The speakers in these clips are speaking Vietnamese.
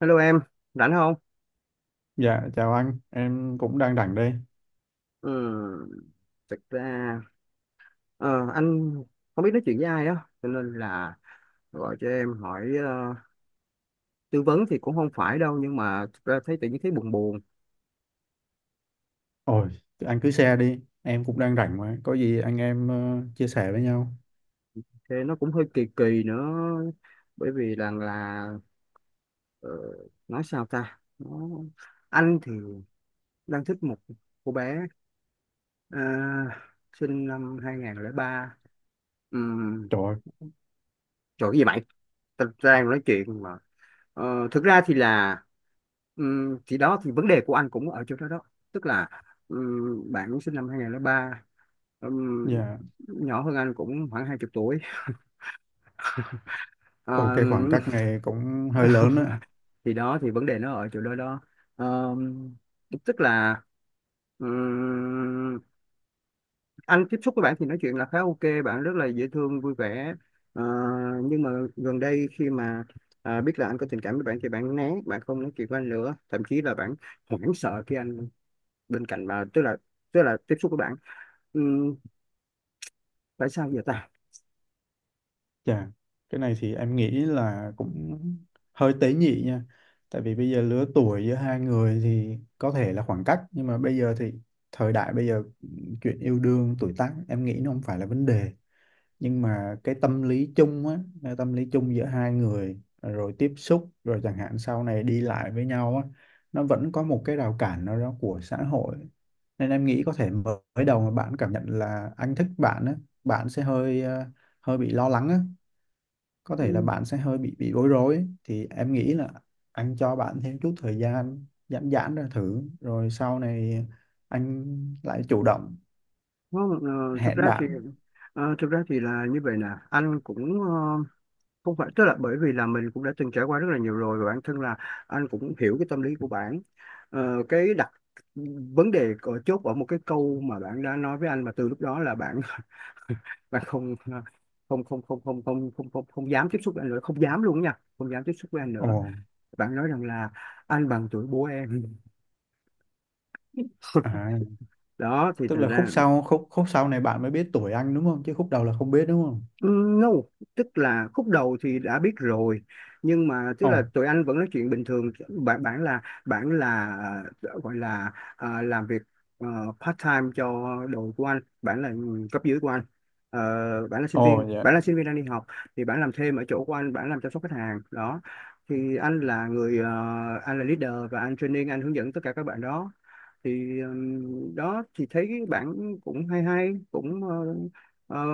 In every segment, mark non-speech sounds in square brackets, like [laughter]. Hello em, rảnh không? Dạ, chào anh, em cũng đang rảnh đây. Ừ, thực ra anh không biết nói chuyện với ai á, cho nên là gọi cho em hỏi, tư vấn thì cũng không phải đâu, nhưng mà thực ra thấy tự nhiên thấy buồn buồn, Ôi, thì anh cứ share đi, em cũng đang rảnh mà, có gì anh em chia sẻ với nhau. thì nó cũng hơi kỳ kỳ nữa, bởi vì là ờ, nói sao ta, nó, anh thì đang thích một cô bé, ờ, sinh năm 2003. um, Trời ơi, Trời cái gì mày, tao đang nói chuyện mà. Ờ, thực ra thì là thì đó thì vấn đề của anh cũng ở chỗ đó đó, tức là bạn cũng sinh năm 2003, ừm, dạ, nhỏ hơn anh cũng khoảng 20 tuổi. ồ Ờ, cái khoảng cách này cũng hơi lớn [laughs] á. thì đó thì vấn đề nó ở chỗ đó đó. Ờ, tức là ừm, anh tiếp xúc với bạn thì nói chuyện là khá ok, bạn rất là dễ thương vui vẻ. Ờ, nhưng mà gần đây khi mà à, biết là anh có tình cảm với bạn thì bạn né, bạn không nói chuyện với anh nữa, thậm chí là bạn hoảng sợ khi anh bên cạnh bà, tức là tiếp xúc với bạn. Ừm, tại sao vậy ta? Dạ, cái này thì em nghĩ là cũng hơi tế nhị nha. Tại vì bây giờ lứa tuổi giữa hai người thì có thể là khoảng cách, nhưng mà bây giờ thì thời đại bây giờ chuyện yêu đương, tuổi tác em nghĩ nó không phải là vấn đề. Nhưng mà cái tâm lý chung á, cái tâm lý chung giữa hai người rồi tiếp xúc rồi chẳng hạn sau này đi lại với nhau á nó vẫn có một cái rào cản nào đó của xã hội, nên em nghĩ có thể mới đầu mà bạn cảm nhận là anh thích bạn á, bạn sẽ hơi hơi bị lo lắng á, có thể là Ừm, bạn sẽ hơi bị bối rối ấy. Thì em nghĩ là anh cho bạn thêm chút thời gian giãn giãn ra thử rồi sau này anh lại chủ động nó, thực hẹn ra thì bạn. Thực ra thì là như vậy nè. Anh cũng không phải, tức là bởi vì là mình cũng đã từng trải qua rất là nhiều rồi, và bản thân là anh cũng hiểu cái tâm lý của bạn. Ờ, cái đặc vấn đề ở chốt ở một cái câu mà bạn đã nói với anh mà từ lúc đó là bạn [laughs] bạn không không không không không không không không dám tiếp xúc với anh nữa, không dám luôn nha, không dám tiếp xúc với anh Ồ, nữa. Bạn nói rằng là anh bằng tuổi bố em, à, đó thì tức thành là khúc ra. sau khúc khúc sau này bạn mới biết tuổi anh đúng không, chứ khúc đầu là không biết đúng không? No, tức là khúc đầu thì đã biết rồi, nhưng mà tức Ồ, là tụi anh vẫn nói chuyện bình thường. Bạn bạn là, bạn là, gọi là, làm việc ờ, part time cho đội của anh, bạn là cấp dưới của anh. Ờ, bạn là sinh ồ, viên, dạ. bạn là sinh viên đang đi học, thì bạn làm thêm ở chỗ của anh, bạn làm chăm sóc khách hàng đó. Thì anh là người, anh là leader và anh training, anh hướng dẫn tất cả các bạn đó. Thì đó thì thấy bạn cũng hay hay, cũng ờ,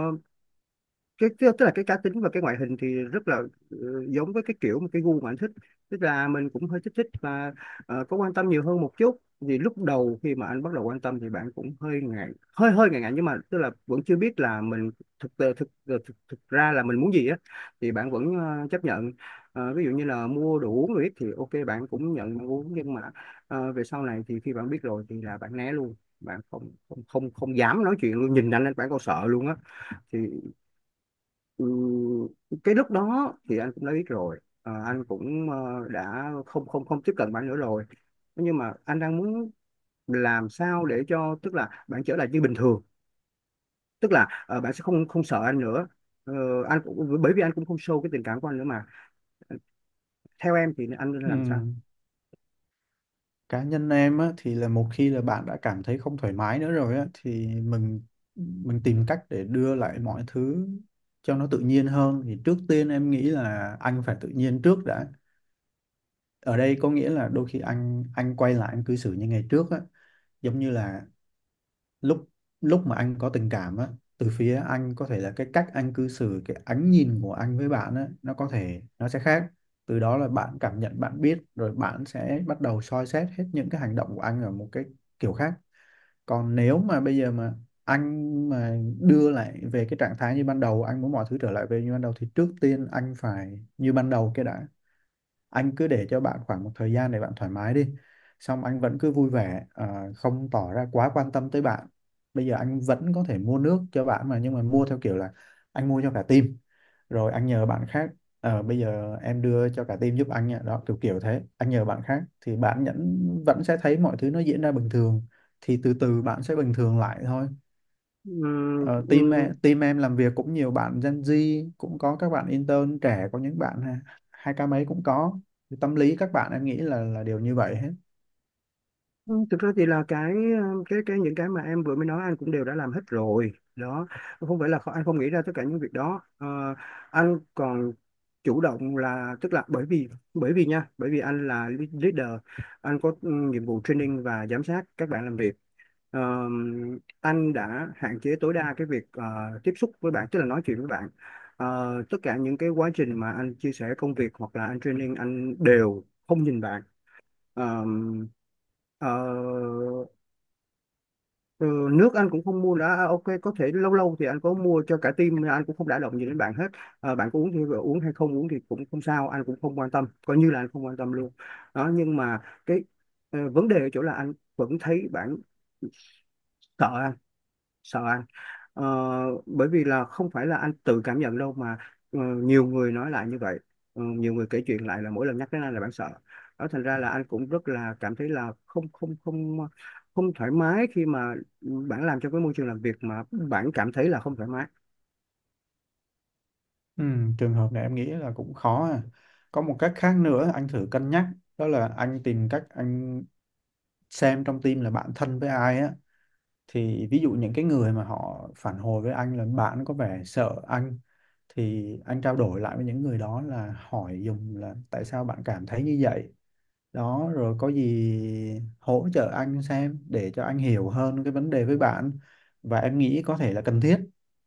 cái tức là cái cá tính và cái ngoại hình thì rất là, ờ, giống với cái kiểu mà cái gu mà anh thích. Tức là mình cũng hơi thích thích và có quan tâm nhiều hơn một chút, vì lúc đầu khi mà anh bắt đầu quan tâm thì bạn cũng hơi ngại, hơi hơi ngại ngại, nhưng mà tức là vẫn chưa biết là mình thực thực thực, ờ, thực, thực ra là mình muốn gì á, thì bạn vẫn chấp nhận. Ờ, ví dụ như là mua đồ uống rồi ít thì ok, bạn cũng nhận, bạn uống, nhưng mà về sau này thì khi bạn biết rồi thì là bạn né luôn, bạn không không không không dám nói chuyện luôn, nhìn anh là bạn còn sợ luôn á. Thì Ừ, cái lúc đó thì anh cũng đã biết rồi. Ờ, anh cũng đã không không không tiếp cận bạn nữa rồi, nhưng mà anh đang muốn làm sao để cho, tức là bạn trở lại như bình thường, tức là bạn sẽ không không sợ anh nữa. Ờ, anh cũng bởi vì anh cũng không show cái tình cảm của anh nữa mà, theo em thì anh nên Ừ, làm sao? cá nhân em á thì là một khi là bạn đã cảm thấy không thoải mái nữa rồi á thì mình tìm cách để đưa lại mọi thứ cho nó tự nhiên hơn, thì trước tiên em nghĩ là anh phải tự nhiên trước đã. Ở đây có nghĩa là đôi khi anh quay lại anh cư xử như ngày trước á, giống như là lúc lúc mà anh có tình cảm á. Từ phía anh có thể là cái cách anh cư xử, cái ánh nhìn của anh với bạn á nó có thể nó sẽ khác, từ đó là bạn cảm nhận bạn biết rồi bạn sẽ bắt đầu soi xét hết những cái hành động của anh ở một cái kiểu khác. Còn nếu mà bây giờ mà anh mà đưa lại về cái trạng thái như ban đầu, anh muốn mọi thứ trở lại về như ban đầu, thì trước tiên anh phải như ban đầu cái đã. Anh cứ để cho bạn khoảng một thời gian để bạn thoải mái đi, xong anh vẫn cứ vui vẻ, à, không tỏ ra quá quan tâm tới bạn. Bây giờ anh vẫn có thể mua nước cho bạn mà, nhưng mà mua theo kiểu là anh mua cho cả team, rồi anh nhờ bạn khác, bây giờ em đưa cho cả team giúp anh nha, đó kiểu kiểu thế. Anh nhờ bạn khác thì bạn nhẫn vẫn sẽ thấy mọi thứ nó diễn ra bình thường, thì từ từ bạn sẽ bình thường lại thôi. Ừ, Ờ, ừ, team em làm việc cũng nhiều bạn Gen Z, cũng có các bạn intern trẻ, có những bạn ha- hai k mấy cũng có. Thì tâm lý các bạn em nghĩ là đều như vậy hết. Ừ, thực ra thì là cái cái những cái mà em vừa mới nói anh cũng đều đã làm hết rồi đó. Không phải là kho- anh không nghĩ ra tất cả những việc đó. Ờ, anh còn chủ động, là tức là bởi vì nha, bởi vì anh là leader, anh có, ừ, nhiệm vụ training và giám sát các bạn làm việc. Ờ, anh đã hạn chế tối đa cái việc, tiếp xúc với bạn, tức là nói chuyện với bạn. Ờ, tất cả những cái quá trình mà anh chia sẻ công việc hoặc là anh training, anh đều không nhìn bạn. Ờ, Ờ, Ừ, nước anh cũng không mua đã, à, ok có thể lâu lâu thì anh có mua cho cả team, nhưng anh cũng không đả động gì đến bạn hết. À, bạn có uống thì uống, hay không uống thì cũng không sao, anh cũng không quan tâm, coi như là anh không quan tâm luôn đó. Nhưng mà cái, vấn đề ở chỗ là anh vẫn thấy bạn sợ, sợ ăn. Ờ, bởi vì là không phải là anh tự cảm nhận đâu mà, nhiều người nói lại như vậy. Ờ, nhiều người kể chuyện lại là mỗi lần nhắc đến anh là bạn sợ, đó thành ra là anh cũng rất là cảm thấy là không không thoải mái khi mà bạn làm trong cái môi trường làm việc mà bạn cảm thấy là không thoải mái. Ừ, trường hợp này em nghĩ là cũng khó à. Có một cách khác nữa anh thử cân nhắc, đó là anh tìm cách anh xem trong team là bạn thân với ai á. Thì ví dụ những cái người mà họ phản hồi với anh là bạn có vẻ sợ anh, thì anh trao đổi lại với những người đó là hỏi dùng là tại sao bạn cảm thấy như vậy, đó rồi có gì hỗ trợ anh xem để cho anh hiểu hơn cái vấn đề với bạn. Và em nghĩ có thể là cần thiết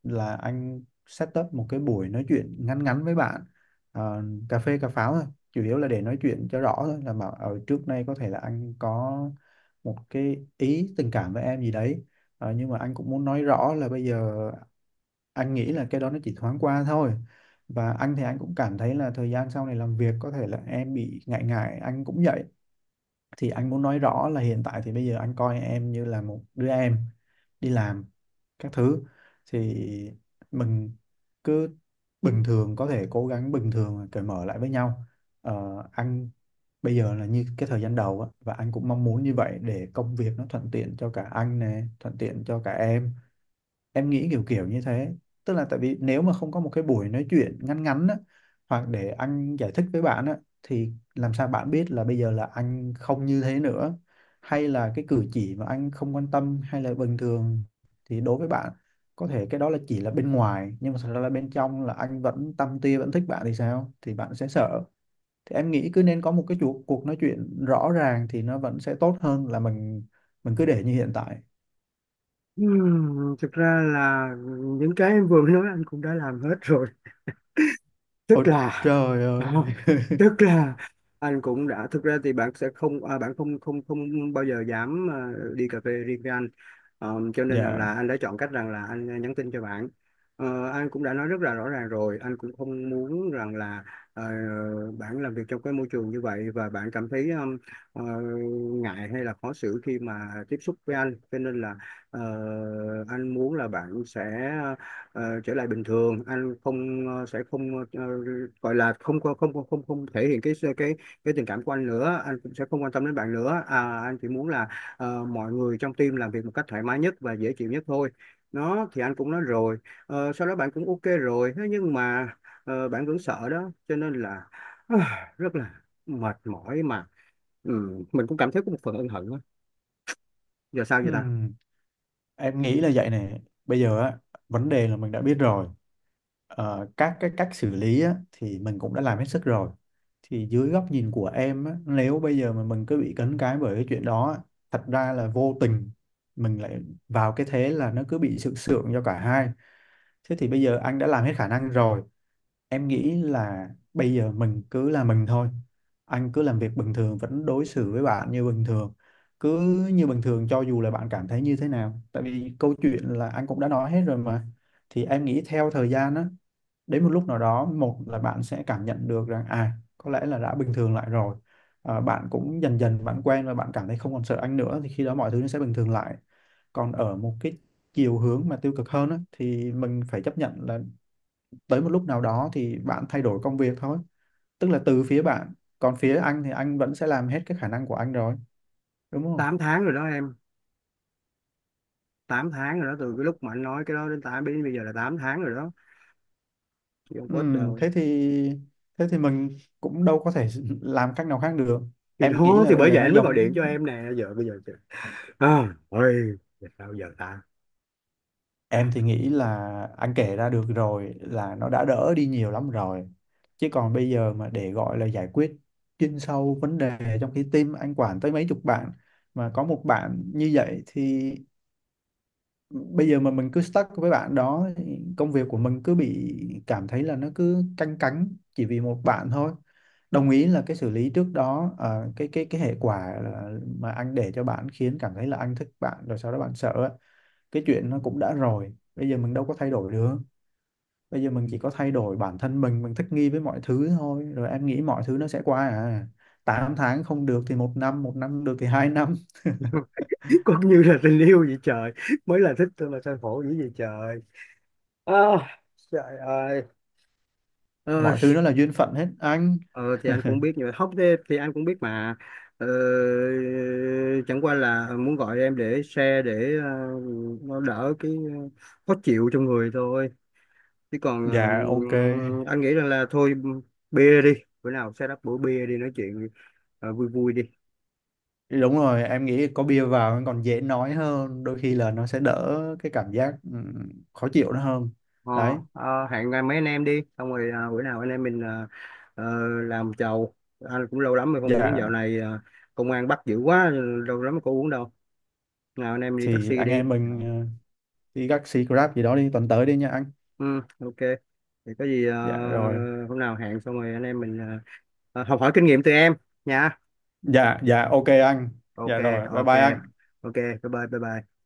là anh set up một cái buổi nói chuyện ngắn ngắn với bạn. Ờ, cà phê cà pháo thôi, chủ yếu là để nói chuyện cho rõ thôi, là mà ở trước nay có thể là anh có một cái ý tình cảm với em gì đấy. Ờ, nhưng mà anh cũng muốn nói rõ là bây giờ anh nghĩ là cái đó nó chỉ thoáng qua thôi, và anh thì anh cũng cảm thấy là thời gian sau này làm việc có thể là em bị ngại ngại, anh cũng vậy. Thì anh muốn nói rõ là hiện tại thì bây giờ anh coi em như là một đứa em đi làm các thứ. Thì mình cứ bình thường, có thể cố gắng bình thường và cởi mở lại với nhau. Ờ, anh bây giờ là như cái thời gian đầu á, và anh cũng mong muốn như vậy để công việc nó thuận tiện cho cả anh nè, thuận tiện cho cả em. Em nghĩ kiểu kiểu như thế, tức là tại vì nếu mà không có một cái buổi nói chuyện ngắn ngắn á, hoặc để anh giải thích với bạn á, thì làm sao bạn biết là bây giờ là anh không như thế nữa, hay là cái cử chỉ mà anh không quan tâm hay là bình thường thì đối với bạn có thể cái đó là chỉ là bên ngoài, nhưng mà thật ra là bên trong là anh vẫn tâm tia vẫn thích bạn thì sao, thì bạn sẽ sợ. Thì em nghĩ cứ nên có một cái cuộc cuộc nói chuyện rõ ràng thì nó vẫn sẽ tốt hơn là mình cứ để như hiện tại. Thực ra là những cái em vừa mới nói anh cũng đã làm hết rồi, tức Ôi là trời ơi, [laughs] tức là anh cũng đã, thực ra thì bạn sẽ không à, bạn không không không bao giờ dám à, đi cà phê riêng với anh. Ờ, cho [laughs] nên rằng dạ. là anh đã chọn cách rằng là anh à, nhắn tin cho bạn. Ờ, anh cũng đã nói rất là rõ ràng rồi, anh cũng không muốn rằng là ờ, bạn làm việc trong cái môi trường như vậy và bạn cảm thấy ờ, ngại hay là khó xử khi mà tiếp xúc với anh, cho nên là ờ, anh muốn là bạn sẽ trở lại bình thường, anh không ờ, sẽ không ờ, ờ, gọi là không có- không không không không thể hiện cái cái tình cảm của anh nữa, anh cũng sẽ không quan tâm đến bạn nữa à, anh chỉ muốn là mọi người trong team làm việc một cách thoải mái nhất và dễ chịu nhất thôi. Nó thì anh cũng nói rồi. Ờ, sau đó bạn cũng ok rồi, thế nhưng mà bạn vẫn sợ đó, cho nên là [sighs] rất là mệt mỏi mà. Ừ, mình cũng cảm thấy có một phần ân hận á. Giờ sao vậy ta? Ừm, Em nghĩ là vậy này. Bây giờ á, vấn đề là mình đã biết rồi. Ờ, các cái cách xử lý á, thì mình cũng đã làm hết sức rồi. Thì dưới góc nhìn của em á, nếu bây giờ mà mình cứ bị cấn cái bởi cái chuyện đó á, thật ra là vô tình mình lại vào cái thế là nó cứ bị sượng sượng cho cả hai. Thế thì bây giờ anh đã làm hết khả năng rồi. Em nghĩ là bây giờ mình cứ là mình thôi. Anh cứ làm việc bình thường, vẫn đối xử với bạn như bình thường. Cứ như bình thường cho dù là bạn cảm thấy như thế nào. Tại vì câu chuyện là anh cũng đã nói hết rồi mà. Thì em nghĩ theo thời gian á, đến một lúc nào đó một là bạn sẽ cảm nhận được rằng à có lẽ là đã bình thường lại rồi. À, bạn cũng dần dần bạn quen và bạn cảm thấy không còn sợ anh nữa, thì khi đó mọi thứ nó sẽ bình thường lại. Còn ở một cái chiều hướng mà tiêu cực hơn á, thì mình phải chấp nhận là tới một lúc nào đó thì bạn thay đổi công việc thôi, tức là từ phía bạn. Còn phía anh thì anh vẫn sẽ làm hết cái khả năng của anh rồi, đúng không? 8 tháng rồi đó em, 8 tháng rồi đó, từ cái lúc mà anh nói cái đó đến 8, đến bây giờ là 8 tháng rồi đó. Chị không post Ừm, đâu. thế thì thế thì mình cũng đâu có thể [laughs] làm cách nào khác được. Thì Em nghĩ đó là thì bây bởi giờ vậy nó anh mới gọi điện giống, cho em nè, giờ bây giờ chị- à ôi, giờ sao giờ ta? em thì nghĩ là anh kể ra được rồi là nó đã đỡ đi nhiều lắm rồi. Chứ còn bây giờ mà để gọi là giải quyết chuyên sâu vấn đề, trong khi team anh quản tới mấy chục bạn mà có một bạn như vậy, thì bây giờ mà mình cứ stuck với bạn đó thì công việc của mình cứ bị cảm thấy là nó cứ canh cánh chỉ vì một bạn thôi. Đồng ý là cái xử lý trước đó, cái hệ quả là mà anh để cho bạn khiến cảm thấy là anh thích bạn rồi sau đó bạn sợ á. Cái chuyện nó cũng đã rồi, bây giờ mình đâu có thay đổi được. Bây giờ mình chỉ có thay đổi bản thân mình thích nghi với mọi thứ thôi, rồi em nghĩ mọi thứ nó sẽ qua à. 8 tháng không được thì một năm, một năm được thì 2 năm. [laughs] Cũng như là tình yêu vậy trời, mới là thích tôi mà sao khổ dữ vậy trời. À, trời ơi. Mọi Ôi, thứ nó là duyên phận hết anh. ờ, thì anh cũng biết, nhưng mà hóc thế thì anh cũng biết mà, ờ, chẳng qua là muốn gọi em để share, để nó đỡ cái, khó chịu trong người thôi, chứ còn Dạ, ok. anh nghĩ rằng là thôi, bia đi, bữa nào set up bữa bia đi nói chuyện. Ờ, vui vui đi. Đúng rồi, em nghĩ có bia vào còn dễ nói hơn, đôi khi là nó sẽ đỡ cái cảm giác khó chịu nó hơn. Ờ, Đấy, hẹn mấy anh em đi xong rồi bữa nào anh em mình ờ, làm chầu. Anh cũng lâu lắm rồi không uống, dạo dạ này công an bắt dữ quá, lâu lắm có uống đâu. Nào anh em đi thì taxi anh đi, em mình đi taxi Grab gì đó đi tuần tới đi nha anh. ừ, ok. Thì có gì, Dạ rồi. hôm nào hẹn xong rồi anh em mình, học hỏi kinh nghiệm từ em nha. Dạ dạ ok anh. Ok, Dạ rồi, bye ok, bye anh. ok, bye bye bye bye.